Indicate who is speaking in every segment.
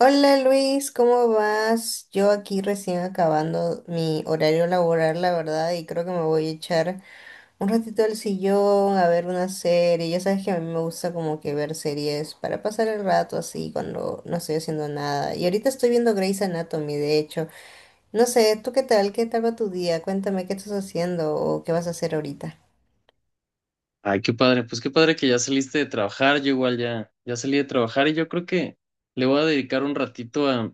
Speaker 1: Hola Luis, ¿cómo vas? Yo aquí recién acabando mi horario laboral, la verdad, y creo que me voy a echar un ratito al sillón a ver una serie. Ya sabes que a mí me gusta como que ver series para pasar el rato así cuando no estoy haciendo nada. Y ahorita estoy viendo Grey's Anatomy, de hecho. No sé, ¿tú qué tal? ¿Qué tal va tu día? Cuéntame qué estás haciendo o qué vas a hacer ahorita.
Speaker 2: Ay, qué padre, pues qué padre que ya saliste de trabajar, yo igual ya, ya salí de trabajar y yo creo que le voy a dedicar un ratito a,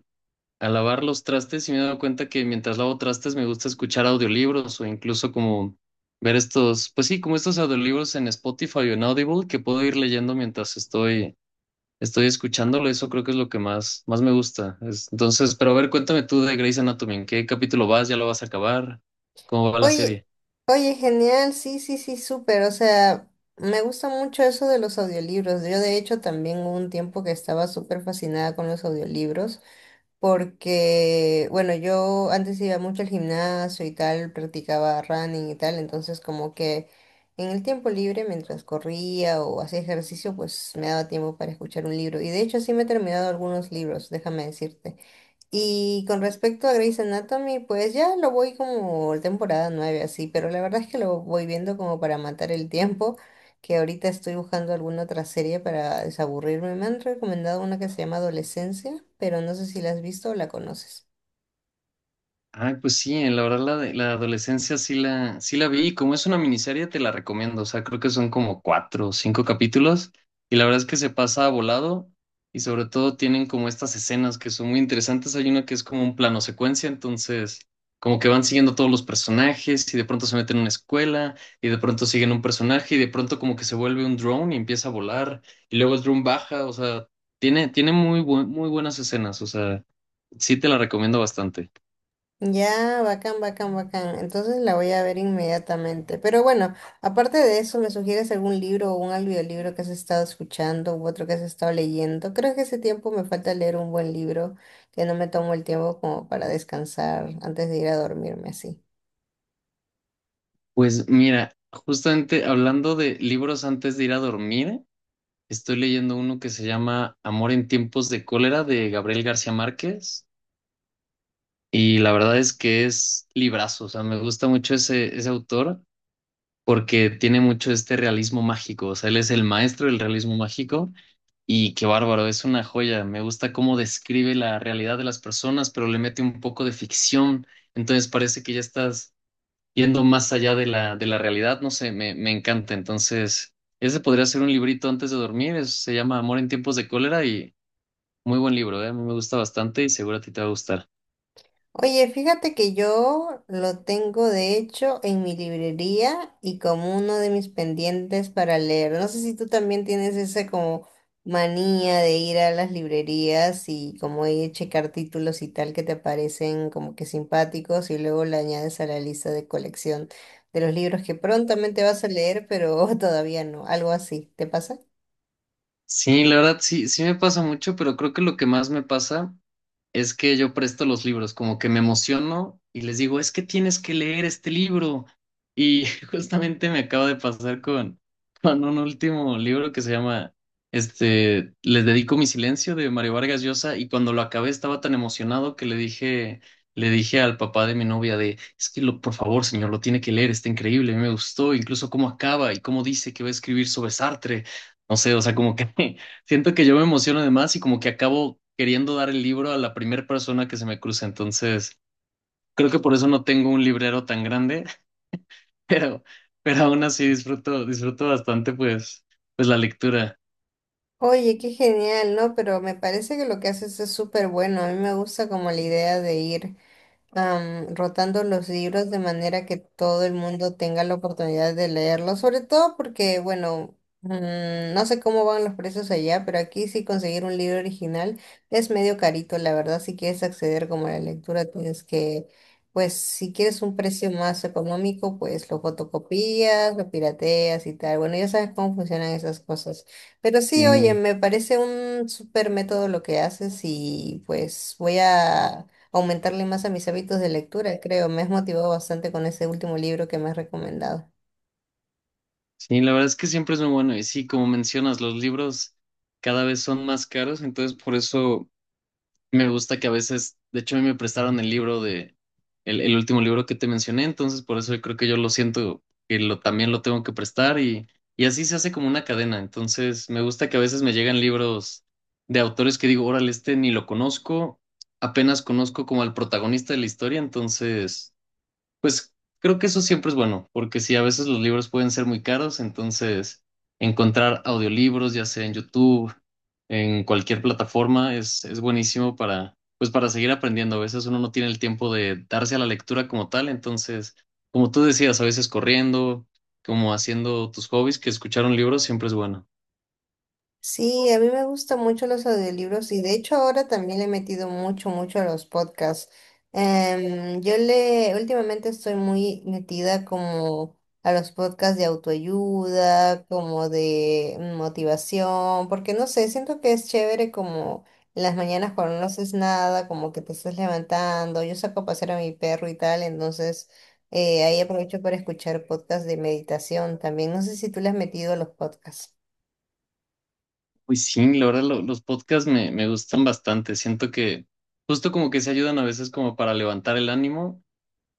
Speaker 2: a lavar los trastes y me he dado cuenta que mientras lavo trastes me gusta escuchar audiolibros o incluso como ver estos, pues sí, como estos audiolibros en Spotify o en Audible que puedo ir leyendo mientras estoy escuchándolo, eso creo que es lo que más me gusta. Entonces, pero a ver, cuéntame tú de Grey's Anatomy, ¿en qué capítulo vas? ¿Ya lo vas a acabar? ¿Cómo va la
Speaker 1: Oye,
Speaker 2: serie?
Speaker 1: oye, genial, sí, sí, sí, súper, o sea, me gusta mucho eso de los audiolibros. Yo de hecho también hubo un tiempo que estaba súper fascinada con los audiolibros porque, bueno, yo antes iba mucho al gimnasio y tal, practicaba running y tal, entonces como que en el tiempo libre, mientras corría o hacía ejercicio, pues me daba tiempo para escuchar un libro. Y de hecho sí me he terminado algunos libros, déjame decirte. Y con respecto a Grey's Anatomy, pues ya lo voy como temporada 9 así, pero la verdad es que lo voy viendo como para matar el tiempo, que ahorita estoy buscando alguna otra serie para desaburrirme. Me han recomendado una que se llama Adolescencia, pero no sé si la has visto o la conoces.
Speaker 2: Ay, pues sí, la verdad la adolescencia sí la vi y como es una miniserie te la recomiendo, o sea, creo que son como cuatro o cinco capítulos y la verdad es que se pasa volado y sobre todo tienen como estas escenas que son muy interesantes, hay una que es como un plano secuencia, entonces como que van siguiendo todos los personajes y de pronto se meten en una escuela y de pronto siguen un personaje y de pronto como que se vuelve un drone y empieza a volar y luego el drone baja, o sea, tiene muy buenas escenas, o sea, sí te la recomiendo bastante.
Speaker 1: Ya, bacán, bacán, bacán. Entonces la voy a ver inmediatamente. Pero bueno, aparte de eso, ¿me sugieres algún libro o un audiolibro que has estado escuchando u otro que has estado leyendo? Creo que ese tiempo me falta leer un buen libro, que no me tomo el tiempo como para descansar antes de ir a dormirme así.
Speaker 2: Pues mira, justamente hablando de libros antes de ir a dormir, estoy leyendo uno que se llama Amor en tiempos de cólera de Gabriel García Márquez y la verdad es que es librazo, o sea, me gusta mucho ese autor porque tiene mucho este realismo mágico, o sea, él es el maestro del realismo mágico y qué bárbaro, es una joya, me gusta cómo describe la realidad de las personas, pero le mete un poco de ficción, entonces parece que ya estás yendo más allá de de la realidad, no sé, me encanta. Entonces, ese podría ser un librito antes de dormir, se llama Amor en tiempos de cólera y muy buen libro, ¿eh? A mí me gusta bastante y seguro a ti te va a gustar.
Speaker 1: Oye, fíjate que yo lo tengo de hecho en mi librería y como uno de mis pendientes para leer. No sé si tú también tienes esa como manía de ir a las librerías y como ahí checar títulos y tal que te parecen como que simpáticos y luego le añades a la lista de colección de los libros que prontamente vas a leer, pero todavía no, algo así. ¿Te pasa?
Speaker 2: Sí, la verdad, sí, sí me pasa mucho, pero creo que lo que más me pasa es que yo presto los libros, como que me emociono y les digo, es que tienes que leer este libro. Y justamente me acaba de pasar con un último libro que se llama, este, Les dedico mi silencio de Mario Vargas Llosa y cuando lo acabé estaba tan emocionado que le le dije al papá de mi novia de, es que lo, por favor, señor, lo tiene que leer, está increíble, a mí me gustó, incluso cómo acaba y cómo dice que va a escribir sobre Sartre. No sé, o sea, como que siento que yo me emociono de más y como que acabo queriendo dar el libro a la primera persona que se me cruce. Entonces, creo que por eso no tengo un librero tan grande, pero, pero aún así disfruto bastante pues la lectura.
Speaker 1: Oye, qué genial, ¿no? Pero me parece que lo que haces es súper bueno. A mí me gusta como la idea de ir. Rotando los libros de manera que todo el mundo tenga la oportunidad de leerlos, sobre todo porque, bueno, no sé cómo van los precios allá, pero aquí sí conseguir un libro original es medio carito, la verdad, si quieres acceder como a la lectura, tienes que, pues si quieres un precio más económico, pues lo fotocopias, lo pirateas y tal. Bueno, ya sabes cómo funcionan esas cosas. Pero sí, oye,
Speaker 2: Sí.
Speaker 1: me parece un súper método lo que haces y pues voy a aumentarle más a mis hábitos de lectura, creo. Me has motivado bastante con ese último libro que me has recomendado.
Speaker 2: Sí, la verdad es que siempre es muy bueno. Y sí, como mencionas, los libros cada vez son más caros, entonces por eso me gusta que a veces, de hecho, a mí me prestaron el libro el último libro que te mencioné, entonces por eso yo creo que yo lo siento que lo, también lo tengo que prestar y así se hace como una cadena. Entonces me gusta que a veces me llegan libros de autores que digo, órale, este ni lo conozco, apenas conozco como al protagonista de la historia, entonces pues creo que eso siempre es bueno, porque sí a veces los libros pueden ser muy caros, entonces encontrar audiolibros, ya sea en YouTube, en cualquier plataforma, es buenísimo para, pues para seguir aprendiendo. A veces uno no tiene el tiempo de darse a la lectura como tal, entonces, como tú decías, a veces corriendo, como haciendo tus hobbies, que escuchar un libro siempre es bueno.
Speaker 1: Sí, a mí me gustan mucho los audiolibros y de hecho ahora también le he metido mucho a los podcasts. Últimamente estoy muy metida como a los podcasts de autoayuda, como de motivación, porque no sé, siento que es chévere como en las mañanas cuando no haces nada, como que te estás levantando, yo saco a pasear a mi perro y tal, entonces ahí aprovecho para escuchar podcasts de meditación también. No sé si tú le has metido a los podcasts.
Speaker 2: Pues sí, la verdad, los podcasts me gustan bastante. Siento que justo como que se ayudan a veces como para levantar el ánimo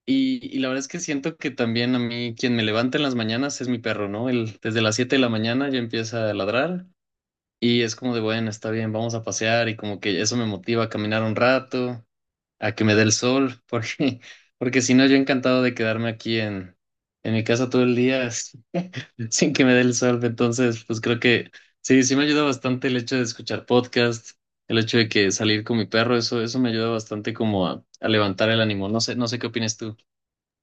Speaker 2: y la verdad es que siento que también a mí quien me levanta en las mañanas es mi perro, ¿no? Él desde las 7 de la mañana ya empieza a ladrar y es como de, bueno, está bien, vamos a pasear y como que eso me motiva a caminar un rato, a que me dé el sol, porque si no, yo encantado de quedarme aquí en mi casa todo el día sin que me dé el sol. Entonces, pues creo que sí, sí me ayuda bastante el hecho de escuchar podcast, el hecho de que salir con mi perro, eso me ayuda bastante como a levantar el ánimo. No sé, no sé qué opinas tú.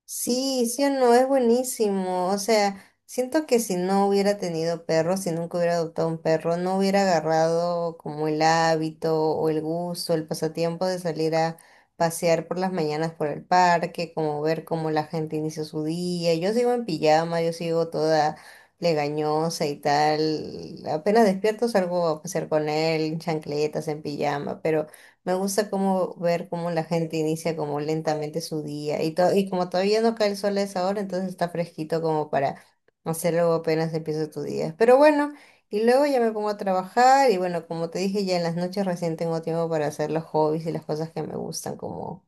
Speaker 1: Sí, sí o no, es buenísimo. O sea, siento que si no hubiera tenido perro, si nunca hubiera adoptado un perro, no hubiera agarrado como el hábito o el gusto, el pasatiempo de salir a pasear por las mañanas por el parque, como ver cómo la gente inicia su día. Yo sigo en pijama, yo sigo toda legañosa y tal. Apenas despierto salgo a pasear con él, en chancletas, en pijama, pero... Me gusta como ver cómo la gente inicia como lentamente su día y y como todavía no cae el sol a esa hora, entonces está fresquito como para hacerlo apenas empieza tu día. Pero bueno, y luego ya me pongo a trabajar y bueno, como te dije, ya en las noches recién tengo tiempo para hacer los hobbies y las cosas que me gustan, como,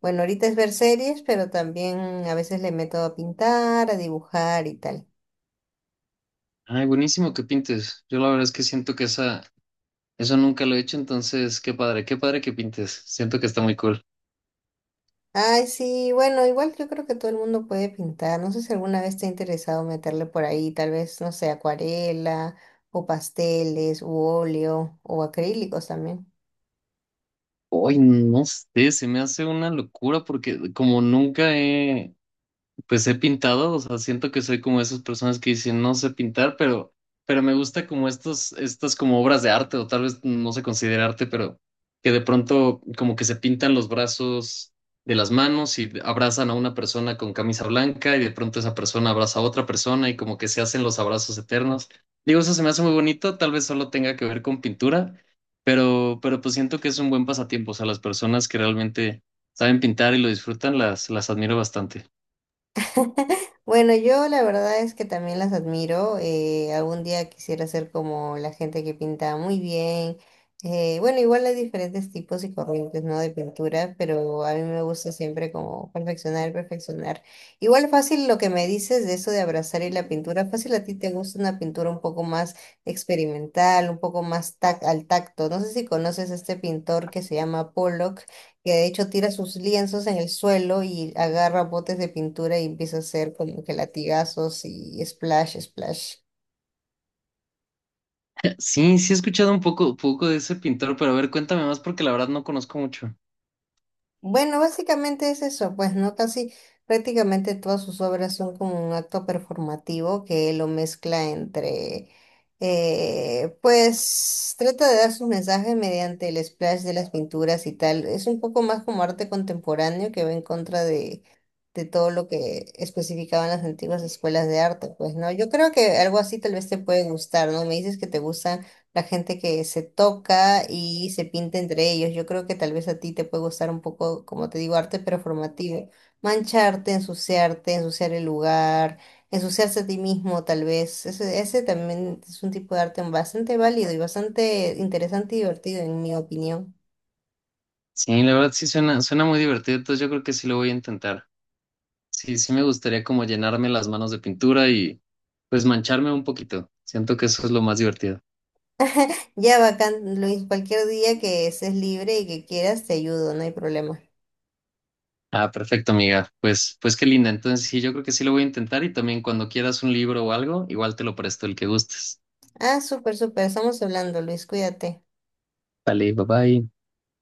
Speaker 1: bueno, ahorita es ver series, pero también a veces le meto a pintar, a dibujar y tal.
Speaker 2: Ay, buenísimo que pintes. Yo la verdad es que siento que eso nunca lo he hecho, entonces qué padre que pintes. Siento que está muy cool.
Speaker 1: Ay, sí, bueno, igual yo creo que todo el mundo puede pintar. No sé si alguna vez te ha interesado meterle por ahí, tal vez, no sé, acuarela o pasteles u óleo o acrílicos también.
Speaker 2: Hoy no sé, se me hace una locura porque como nunca he, pues he pintado, o sea, siento que soy como esas personas que dicen no sé pintar, pero me gusta como estos, estas como obras de arte, o tal vez no se considera arte, pero que de pronto como que se pintan los brazos de las manos y abrazan a una persona con camisa blanca y de pronto esa persona abraza a otra persona y como que se hacen los abrazos eternos. Digo, eso se me hace muy bonito, tal vez solo tenga que ver con pintura, pero pues siento que es un buen pasatiempo, o sea, las personas que realmente saben pintar y lo disfrutan, las admiro bastante.
Speaker 1: Bueno, yo la verdad es que también las admiro. Algún día quisiera ser como la gente que pinta muy bien. Bueno, igual hay diferentes tipos y corrientes, ¿no? De pintura, pero a mí me gusta siempre como perfeccionar. Igual fácil lo que me dices de eso de abrazar y la pintura, fácil a ti te gusta una pintura un poco más experimental, un poco más tac al tacto. No sé si conoces a este pintor que se llama Pollock que de hecho tira sus lienzos en el suelo y agarra botes de pintura y empieza a hacer como que latigazos y splash, splash.
Speaker 2: Sí, sí he escuchado un poco, poco de ese pintor, pero a ver, cuéntame más porque la verdad no conozco mucho.
Speaker 1: Bueno, básicamente es eso, pues, ¿no? Casi prácticamente todas sus obras son como un acto performativo que lo mezcla entre, pues, trata de dar sus mensajes mediante el splash de las pinturas y tal. Es un poco más como arte contemporáneo que va en contra de todo lo que especificaban las antiguas escuelas de arte, pues, ¿no? Yo creo que algo así tal vez te puede gustar, ¿no? Me dices que te gusta la gente que se toca y se pinta entre ellos. Yo creo que tal vez a ti te puede gustar un poco, como te digo, arte performativo. Mancharte, ensuciarte, ensuciar el lugar, ensuciarse a ti mismo, tal vez. Ese también es un tipo de arte bastante válido y bastante interesante y divertido, en mi opinión.
Speaker 2: Sí, la verdad sí suena muy divertido, entonces yo creo que sí lo voy a intentar. Sí, sí me gustaría como llenarme las manos de pintura y pues mancharme un poquito. Siento que eso es lo más divertido.
Speaker 1: Ya, bacán, Luis, cualquier día que estés libre y que quieras, te ayudo, no hay problema.
Speaker 2: Ah, perfecto, amiga. Pues, pues qué linda. Entonces sí, yo creo que sí lo voy a intentar y también cuando quieras un libro o algo, igual te lo presto el que gustes.
Speaker 1: Ah, súper, súper. Estamos hablando, Luis. Cuídate.
Speaker 2: Vale, bye bye.